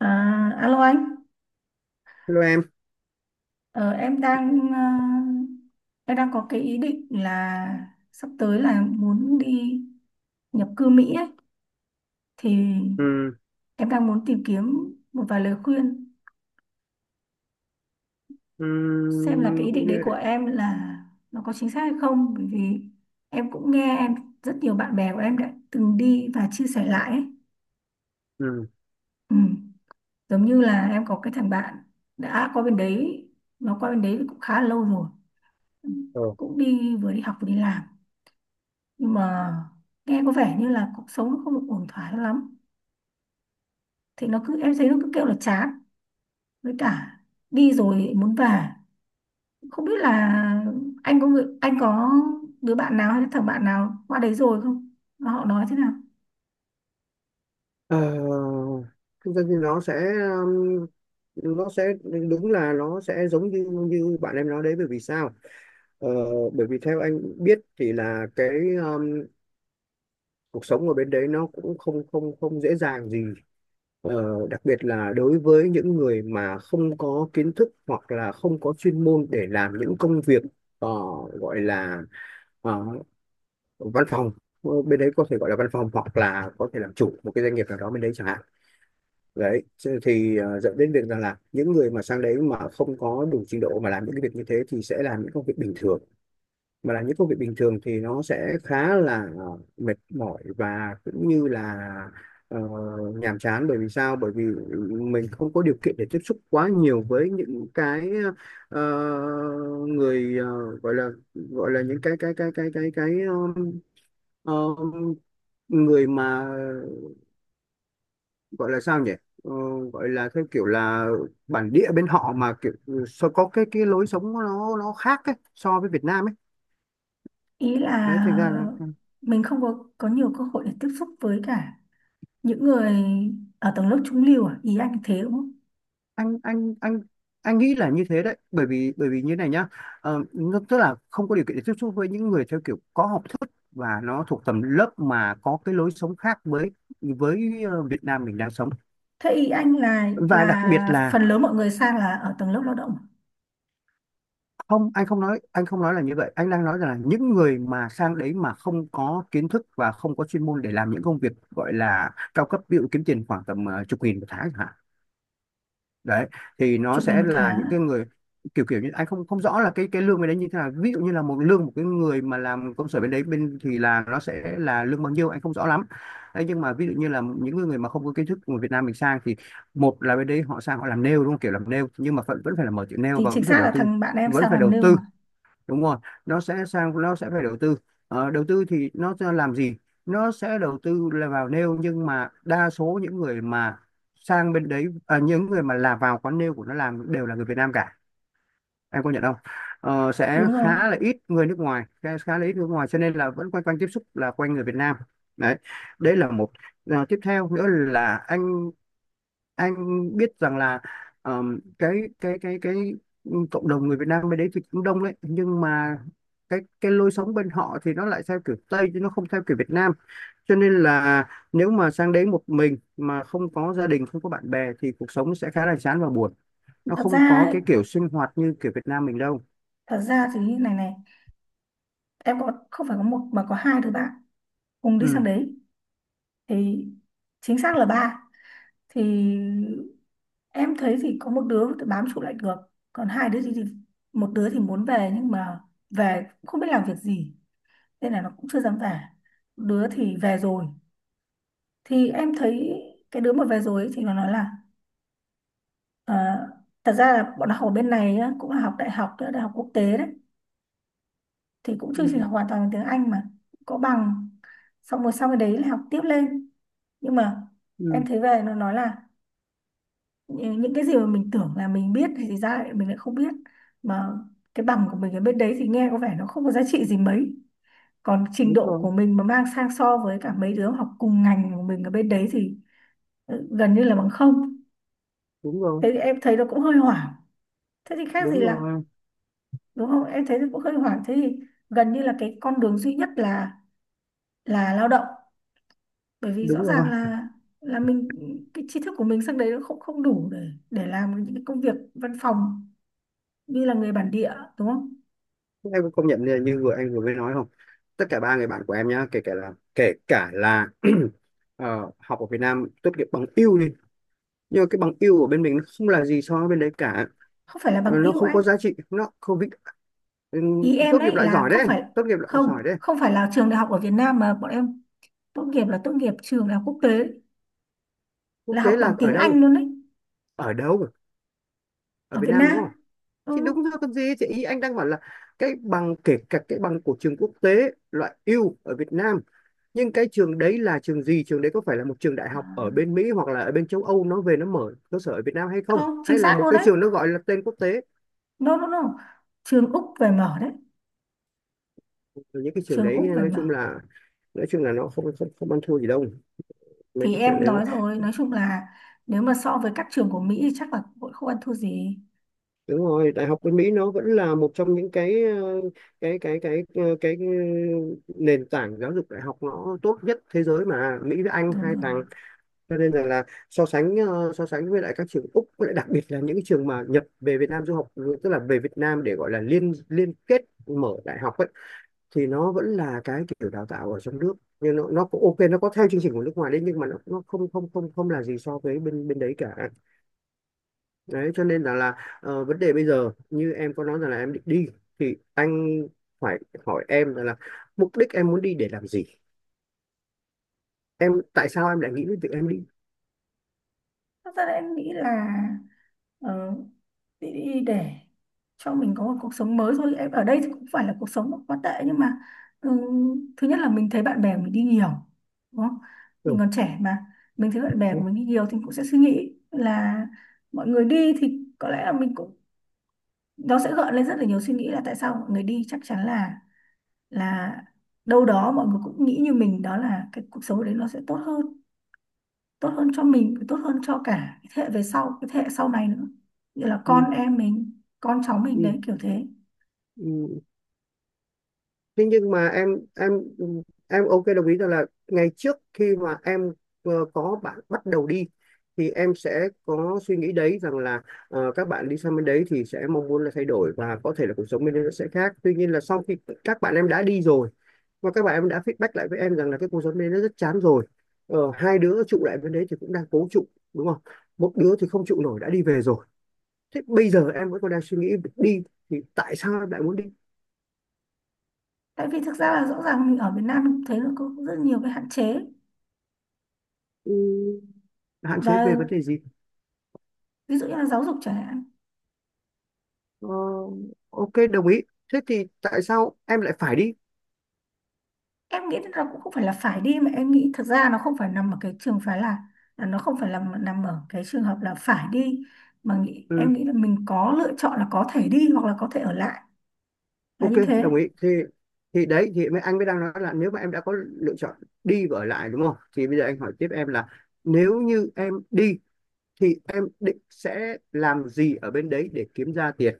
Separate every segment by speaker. Speaker 1: À, alo anh,
Speaker 2: Hello em.
Speaker 1: ờ, em đang em đang có cái ý định là sắp tới là muốn đi nhập cư Mỹ ấy. Thì
Speaker 2: Ừ,
Speaker 1: em đang muốn tìm kiếm một vài lời khuyên
Speaker 2: ừ,
Speaker 1: xem là cái ý định đấy của em là nó có chính xác hay không, bởi vì em cũng nghe rất nhiều bạn bè của em đã từng đi và chia sẻ lại ấy.
Speaker 2: ừ,
Speaker 1: Ừ. Giống như là em có cái thằng bạn đã qua bên đấy, cũng khá là lâu rồi. Ừ.
Speaker 2: ờ.
Speaker 1: Cũng đi, vừa đi học vừa đi làm, nhưng mà nghe có vẻ như là cuộc sống nó không ổn thỏa cho lắm, thì nó cứ em thấy nó cứ kêu là chán, với cả đi rồi muốn về. Không biết là anh có đứa bạn nào hay là thằng bạn nào qua đấy rồi không, mà họ nói thế nào?
Speaker 2: Ờ, thực ra thì um, nó sẽ đúng là nó sẽ giống như như bạn em nói đấy, bởi vì sao? Ờ, bởi vì theo anh biết thì là cái um, cuộc sống ở bên đấy nó cũng không không không dễ dàng gì. Ờ, đặc biệt là đối với những người mà không có kiến thức hoặc là không có chuyên môn để làm những công việc ờ, gọi là ờ, văn phòng. Ờ, bên đấy có thể gọi là văn phòng hoặc là có thể làm chủ một cái doanh nghiệp nào đó bên đấy chẳng hạn, đấy. Thế thì dẫn đến việc rằng là những người mà sang đấy mà không có đủ trình độ mà làm những cái việc như thế thì sẽ làm những công việc bình thường. Mà làm những công việc bình thường thì nó sẽ khá là mệt mỏi và cũng như là ờ, nhàm chán, bởi vì sao? Bởi vì mình không có điều kiện để tiếp xúc quá nhiều với những cái ờ, người, gọi là những cái um, người mà gọi là sao nhỉ? Ờ, gọi là theo kiểu là bản địa bên họ mà kiểu sao, có cái lối sống nó khác ấy, so với Việt Nam ấy,
Speaker 1: Ý là
Speaker 2: đấy. Thành ra là, ừ,
Speaker 1: mình không có nhiều cơ hội để tiếp xúc với cả những người ở tầng lớp trung lưu à, ý anh thế đúng không?
Speaker 2: anh anh anh anh nghĩ là như thế đấy, bởi vì như này nhá. Ờ, nó tức là không có điều kiện để tiếp xúc với những người theo kiểu có học thức và nó thuộc tầm lớp mà có cái lối sống khác với Việt Nam mình đang sống.
Speaker 1: Thế ý anh là
Speaker 2: Và đặc biệt
Speaker 1: phần
Speaker 2: là
Speaker 1: lớn mọi người sang là ở tầng lớp lao động à?
Speaker 2: không, anh không nói là như vậy, anh đang nói rằng là những người mà sang đấy mà không có kiến thức và không có chuyên môn để làm những công việc gọi là cao cấp, ví dụ kiếm tiền khoảng tầm chục nghìn một tháng chẳng hạn, đấy. Thì nó
Speaker 1: Chục nghìn
Speaker 2: sẽ
Speaker 1: một
Speaker 2: là
Speaker 1: tháng
Speaker 2: những
Speaker 1: à?
Speaker 2: cái người kiểu kiểu như anh không không rõ là cái lương bên đấy như thế nào, ví dụ như là một lương một cái người mà làm công sở bên đấy bên thì là nó sẽ là lương bao nhiêu anh không rõ lắm, đấy. Nhưng mà ví dụ như là những người mà không có kiến thức của Việt Nam mình sang thì, một là, bên đấy họ sang họ làm nail đúng không, kiểu làm nail nhưng mà vẫn vẫn phải là mở tiệm nail
Speaker 1: Thì
Speaker 2: và
Speaker 1: chính
Speaker 2: vẫn phải
Speaker 1: xác
Speaker 2: đầu
Speaker 1: là
Speaker 2: tư,
Speaker 1: thằng bạn em
Speaker 2: vẫn
Speaker 1: sang
Speaker 2: phải
Speaker 1: làm
Speaker 2: đầu
Speaker 1: nêu
Speaker 2: tư,
Speaker 1: mà.
Speaker 2: đúng rồi. Nó sẽ sang nó sẽ phải đầu tư. Ờ, đầu tư thì nó sẽ làm gì? Nó sẽ đầu tư là vào nail, nhưng mà đa số những người mà sang bên đấy, à, những người mà là vào quán nail của nó làm đều là người Việt Nam cả, em có nhận không? Ờ, sẽ
Speaker 1: Đúng rồi.
Speaker 2: khá là ít người nước ngoài, khá, khá là ít người nước ngoài, cho nên là vẫn quanh quanh tiếp xúc là quanh người Việt Nam, đấy. Đấy là một. Ờ, tiếp theo nữa là anh biết rằng là ờm, cái cái cộng đồng người Việt Nam bên đấy thì cũng đông đấy, nhưng mà cái lối sống bên họ thì nó lại theo kiểu Tây chứ nó không theo kiểu Việt Nam, cho nên là nếu mà sang đấy một mình mà không có gia đình, không có bạn bè thì cuộc sống sẽ khá là chán và buồn. Nó
Speaker 1: Thật
Speaker 2: không
Speaker 1: ra
Speaker 2: có
Speaker 1: ấy,
Speaker 2: cái kiểu sinh hoạt như kiểu Việt Nam mình đâu.
Speaker 1: thật ra thì như này này, em có không phải có một mà có hai đứa bạn cùng đi
Speaker 2: Ừ.
Speaker 1: sang đấy, thì chính xác là ba. Thì em thấy thì có một đứa thì bám trụ lại được, còn hai đứa thì, một đứa thì muốn về nhưng mà về cũng không biết làm việc gì nên là nó cũng chưa dám về. Đứa thì về rồi, thì em thấy cái đứa mà về rồi ấy, thì nó nói là ờ, thật ra là bọn nó học ở bên này á, cũng là học đại học, đại học quốc tế đấy, thì cũng
Speaker 2: Ừ.
Speaker 1: chưa trình học hoàn toàn bằng tiếng Anh mà, có bằng, xong rồi sau cái đấy là học tiếp lên. Nhưng mà em
Speaker 2: Ừ.
Speaker 1: thấy về nó nói là những cái gì mà mình tưởng là mình biết thì ra lại mình lại không biết, mà cái bằng của mình ở bên đấy thì nghe có vẻ nó không có giá trị gì mấy, còn trình
Speaker 2: Đúng
Speaker 1: độ
Speaker 2: rồi,
Speaker 1: của mình mà mang sang so với cả mấy đứa học cùng ngành của mình ở bên đấy thì ừ, gần như là bằng không.
Speaker 2: đúng rồi,
Speaker 1: Thế thì em thấy nó cũng hơi hoảng, thế thì khác gì
Speaker 2: đúng
Speaker 1: là,
Speaker 2: rồi,
Speaker 1: đúng không, em thấy nó cũng hơi hoảng. Thế thì gần như là cái con đường duy nhất là lao động, bởi vì rõ
Speaker 2: đúng rồi.
Speaker 1: ràng là mình cái tri thức của mình sang đấy nó không không đủ để làm những cái công việc văn phòng như là người bản địa, đúng không?
Speaker 2: Em có công nhận như, vừa anh vừa mới nói không? Tất cả ba người bạn của em nhá, kể cả là học ở Việt Nam tốt nghiệp bằng yêu đi, nhưng mà cái bằng yêu ở bên mình nó không là gì so với bên đấy cả.
Speaker 1: Không phải là
Speaker 2: Ờ,
Speaker 1: bằng
Speaker 2: nó
Speaker 1: yêu
Speaker 2: không
Speaker 1: anh,
Speaker 2: có giá trị, nó không vĩ, ừ,
Speaker 1: ý em
Speaker 2: tốt nghiệp
Speaker 1: đấy
Speaker 2: loại
Speaker 1: là
Speaker 2: giỏi
Speaker 1: không
Speaker 2: đấy,
Speaker 1: phải,
Speaker 2: tốt nghiệp loại
Speaker 1: không
Speaker 2: giỏi đấy.
Speaker 1: không phải là trường đại học ở Việt Nam mà bọn em tốt nghiệp, là tốt nghiệp trường đại học quốc tế,
Speaker 2: Quốc
Speaker 1: là
Speaker 2: tế
Speaker 1: học bằng
Speaker 2: là
Speaker 1: tiếng
Speaker 2: ở đâu?
Speaker 1: Anh luôn đấy.
Speaker 2: Ở đâu? Ở
Speaker 1: Ở
Speaker 2: Việt
Speaker 1: Việt
Speaker 2: Nam đúng không?
Speaker 1: Nam, ừ.
Speaker 2: Thì đúng rồi còn gì. Thì ý anh đang bảo là cái bằng, kể cả cái bằng của trường quốc tế loại ưu ở Việt Nam. Nhưng cái trường đấy là trường gì? Trường đấy có phải là một trường đại
Speaker 1: À,
Speaker 2: học ở bên Mỹ hoặc là ở bên châu Âu nó về nó mở cơ sở ở Việt Nam hay không?
Speaker 1: không chính
Speaker 2: Hay là
Speaker 1: xác
Speaker 2: một
Speaker 1: luôn
Speaker 2: cái
Speaker 1: đấy,
Speaker 2: trường nó gọi là tên quốc tế?
Speaker 1: no no no, trường Úc về mở đấy,
Speaker 2: Rồi. Những cái trường
Speaker 1: trường
Speaker 2: đấy
Speaker 1: Úc về
Speaker 2: nói chung
Speaker 1: mở.
Speaker 2: là, nó không không không ăn thua gì đâu. Mấy
Speaker 1: Thì
Speaker 2: cái trường
Speaker 1: em
Speaker 2: đấy nó,
Speaker 1: nói rồi, nói chung là nếu mà so với các trường của Mỹ thì chắc là cũng không ăn thua gì.
Speaker 2: đúng rồi, đại học bên Mỹ nó vẫn là một trong những cái cái cái cái cái, cái ừ, nền tảng giáo dục đại học nó tốt nhất thế giới mà, Mỹ với Anh
Speaker 1: Đúng
Speaker 2: hai
Speaker 1: rồi.
Speaker 2: thằng. Cho nên rằng là so sánh, so sánh với lại các trường Úc với lại đặc biệt là những cái trường mà Nhật về Việt Nam du học, tức là về Việt Nam để gọi là liên liên kết mở đại học ấy, thì nó vẫn là cái kiểu đào tạo ở trong nước. Nhưng nó cũng ok, nó có theo chương trình của nước ngoài đấy, nhưng mà nó không không không không là gì so với bên bên đấy cả. Đấy cho nên là vấn đề bây giờ như em có nói rằng là em định đi, thì anh phải hỏi em rằng là mục đích em muốn đi để làm gì, em tại sao em lại nghĩ đến việc em đi.
Speaker 1: Thật ra là em nghĩ là ờ, đi để cho mình có một cuộc sống mới thôi, em ở đây thì cũng phải là cuộc sống nó quá tệ nhưng mà ừ, thứ nhất là mình thấy bạn bè mình đi nhiều, đúng không, mình
Speaker 2: Ừ.
Speaker 1: còn trẻ mà. Mình thấy bạn bè của
Speaker 2: Ừ.
Speaker 1: mình đi nhiều thì cũng sẽ suy nghĩ là mọi người đi thì có lẽ là mình cũng, nó sẽ gợi lên rất là nhiều suy nghĩ là tại sao mọi người đi, chắc chắn là là đâu đó mọi người cũng nghĩ như mình, đó là cái cuộc sống đấy nó sẽ tốt hơn, tốt hơn cho mình, tốt hơn cho cả cái thế hệ về sau, cái thế hệ sau này nữa, như là
Speaker 2: Ừ.
Speaker 1: con em mình, con cháu mình
Speaker 2: Ừ.
Speaker 1: đấy, kiểu thế.
Speaker 2: Ừ, ừ. Thế nhưng mà em em ok đồng ý rằng là ngày trước khi mà em có bạn bắt đầu đi, thì em sẽ có suy nghĩ đấy rằng là các bạn đi sang bên đấy thì sẽ mong muốn là thay đổi và có thể là cuộc sống bên đấy nó sẽ khác, tuy nhiên là sau khi các bạn em đã đi rồi và các bạn em đã feedback lại với em rằng là cái cuộc sống bên đấy nó rất chán rồi. Ờ, hai đứa trụ lại bên đấy thì cũng đang cố trụ, đúng không, một đứa thì không trụ nổi đã đi về rồi. Thế bây giờ em vẫn còn đang suy nghĩ đi, thì tại sao em lại muốn đi?
Speaker 1: Tại vì thực ra là rõ ràng mình ở Việt Nam mình cũng thấy nó có rất nhiều cái hạn chế,
Speaker 2: Ừ, hạn chế
Speaker 1: và
Speaker 2: về vấn đề gì?
Speaker 1: ví dụ như là giáo dục chẳng hạn.
Speaker 2: Ờ, ok đồng ý, thế thì tại sao em lại phải đi?
Speaker 1: Em nghĩ là cũng không phải là phải đi, mà em nghĩ thực ra nó không phải nằm ở cái trường phái là nó không phải nằm nằm ở cái trường hợp là phải đi, em
Speaker 2: Ừ,
Speaker 1: nghĩ là mình có lựa chọn là có thể đi hoặc là có thể ở lại, là
Speaker 2: ok
Speaker 1: như thế.
Speaker 2: đồng ý thì, đấy thì mới anh mới đang nói là nếu mà em đã có lựa chọn đi và ở lại đúng không, thì bây giờ anh hỏi tiếp em là nếu như em đi thì em định sẽ làm gì ở bên đấy để kiếm ra tiền?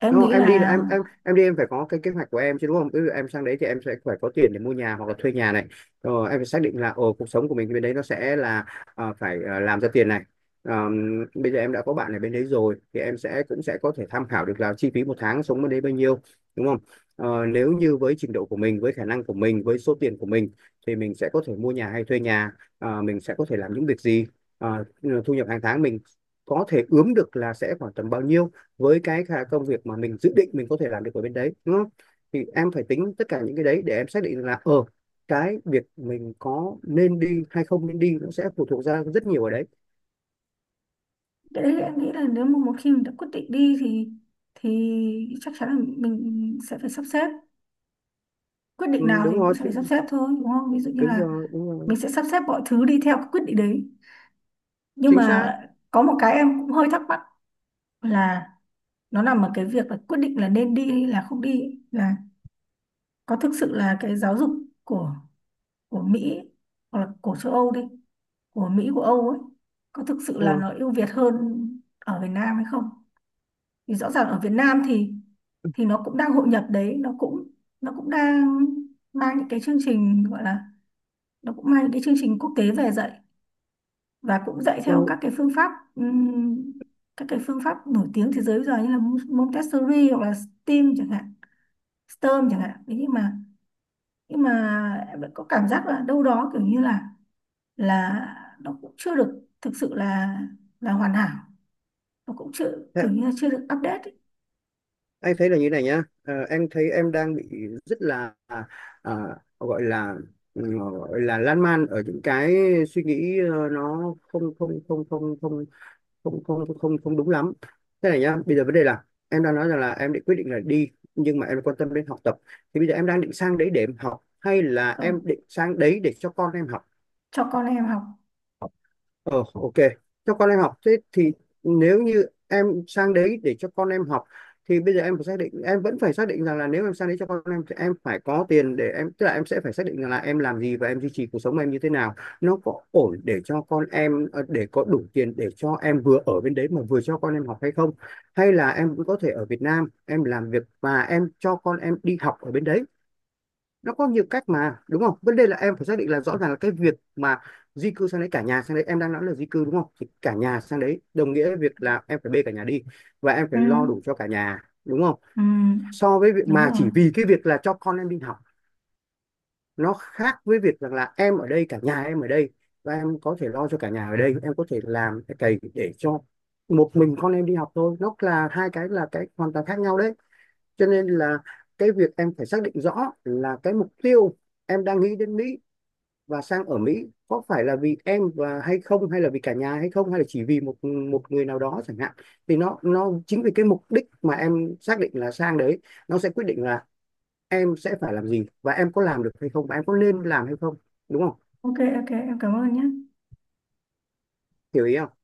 Speaker 1: Em
Speaker 2: Đúng,
Speaker 1: nghĩ
Speaker 2: em đi là
Speaker 1: là
Speaker 2: em đi em phải có cái kế hoạch của em chứ, đúng không? Ví dụ em sang đấy thì em sẽ phải có tiền để mua nhà hoặc là thuê nhà này. Rồi em phải xác định là, ồ, cuộc sống của mình bên đấy nó sẽ là phải làm ra tiền này. Bây giờ em đã có bạn ở bên đấy rồi thì em sẽ cũng sẽ có thể tham khảo được là chi phí một tháng sống bên đấy bao nhiêu, đúng không? Ờ, nếu như với trình độ của mình, với khả năng của mình, với số tiền của mình thì mình sẽ có thể mua nhà hay thuê nhà, mình sẽ có thể làm những việc gì, Ờ, thu nhập hàng tháng mình có thể ướm được là sẽ khoảng tầm bao nhiêu với cái công việc mà mình dự định mình có thể làm được ở bên đấy, đúng không? Thì em phải tính tất cả những cái đấy để em xác định là cái việc mình có nên đi hay không nên đi nó sẽ phụ thuộc ra rất nhiều ở đấy.
Speaker 1: cái đấy, em nghĩ là nếu mà một khi mình đã quyết định đi thì chắc chắn là mình sẽ phải sắp xếp, quyết
Speaker 2: Ừ,
Speaker 1: định nào thì
Speaker 2: đúng
Speaker 1: mình cũng
Speaker 2: rồi,
Speaker 1: sẽ phải sắp xếp thôi, đúng không, ví dụ như
Speaker 2: đúng
Speaker 1: là
Speaker 2: rồi, đúng rồi.
Speaker 1: mình sẽ sắp xếp mọi thứ đi theo cái quyết định đấy. Nhưng
Speaker 2: Chính
Speaker 1: mà
Speaker 2: xác.
Speaker 1: có một cái em cũng hơi thắc mắc, là nó nằm ở cái việc là quyết định là nên đi hay là không đi ấy, là có thực sự là cái giáo dục của Mỹ ấy, hoặc là của châu Âu đi, của Mỹ của Âu ấy, có thực sự là
Speaker 2: Ừ,
Speaker 1: nó ưu việt hơn ở Việt Nam hay không? Thì rõ ràng ở Việt Nam thì nó cũng đang hội nhập đấy, nó cũng đang mang những cái chương trình gọi là, nó cũng mang những cái chương trình quốc tế về dạy, và cũng dạy theo
Speaker 2: ừ.
Speaker 1: các cái phương pháp các cái phương pháp nổi tiếng thế giới bây giờ như là Montessori hoặc là STEAM chẳng hạn, STEM chẳng hạn. Thế nhưng mà, em vẫn có cảm giác là đâu đó kiểu như là là nó cũng chưa được thực sự là hoàn hảo, nó cũng chưa
Speaker 2: Thế-
Speaker 1: kiểu như là chưa được update ấy,
Speaker 2: Anh thấy là như này nhá. Ờ, em thấy em đang bị rất là, à, gọi là, ừ, gọi là lan man ở những cái suy nghĩ nó không không không không không không không không không đúng lắm. Thế này nhá, bây giờ vấn đề là em đang nói rằng là em định quyết định là đi, nhưng mà em quan tâm đến học tập, thì bây giờ em đang định sang đấy để em học hay là
Speaker 1: ờ,
Speaker 2: em định sang đấy để cho con em học?
Speaker 1: cho con em học.
Speaker 2: Ờ, ok. Cho con em học. Thế thì, nếu như em sang đấy để cho con em học, thì bây giờ em phải xác định, em vẫn phải xác định rằng là nếu em sang đấy cho con em thì em phải có tiền để em, tức là em sẽ phải xác định rằng là em làm gì và em duy trì cuộc sống em như thế nào, nó có ổn để cho con em, để có đủ tiền để cho em vừa ở bên đấy mà vừa cho con em học hay không, hay là em cũng có thể ở Việt Nam em làm việc và em cho con em đi học ở bên đấy. Nó có nhiều cách mà, đúng không? Vấn đề là em phải xác định là rõ ràng là cái việc mà di cư sang đấy, cả nhà sang đấy, em đang nói là di cư đúng không, thì cả nhà sang đấy đồng nghĩa với việc là em phải bê cả nhà đi và em
Speaker 1: Ừ.
Speaker 2: phải lo đủ cho cả nhà, đúng không,
Speaker 1: Ừ,
Speaker 2: so với việc
Speaker 1: đúng
Speaker 2: mà
Speaker 1: rồi.
Speaker 2: chỉ vì cái việc là cho con em đi học, nó khác với việc rằng là em ở đây, cả nhà em ở đây, và em có thể lo cho cả nhà ở đây, em có thể làm cái cày để cho một mình con em đi học thôi, nó là hai cái, là cái hoàn toàn khác nhau đấy. Cho nên là cái việc em phải xác định rõ là cái mục tiêu em đang nghĩ đến Mỹ và sang ở Mỹ có phải là vì em và hay không, hay là vì cả nhà hay không, hay là chỉ vì một một người nào đó chẳng hạn, thì nó chính vì cái mục đích mà em xác định là sang đấy, nó sẽ quyết định là em sẽ phải làm gì và em có làm được hay không và em có nên làm hay không, đúng không?
Speaker 1: Ok, ok, em cảm ơn nhé.
Speaker 2: Hiểu ý không?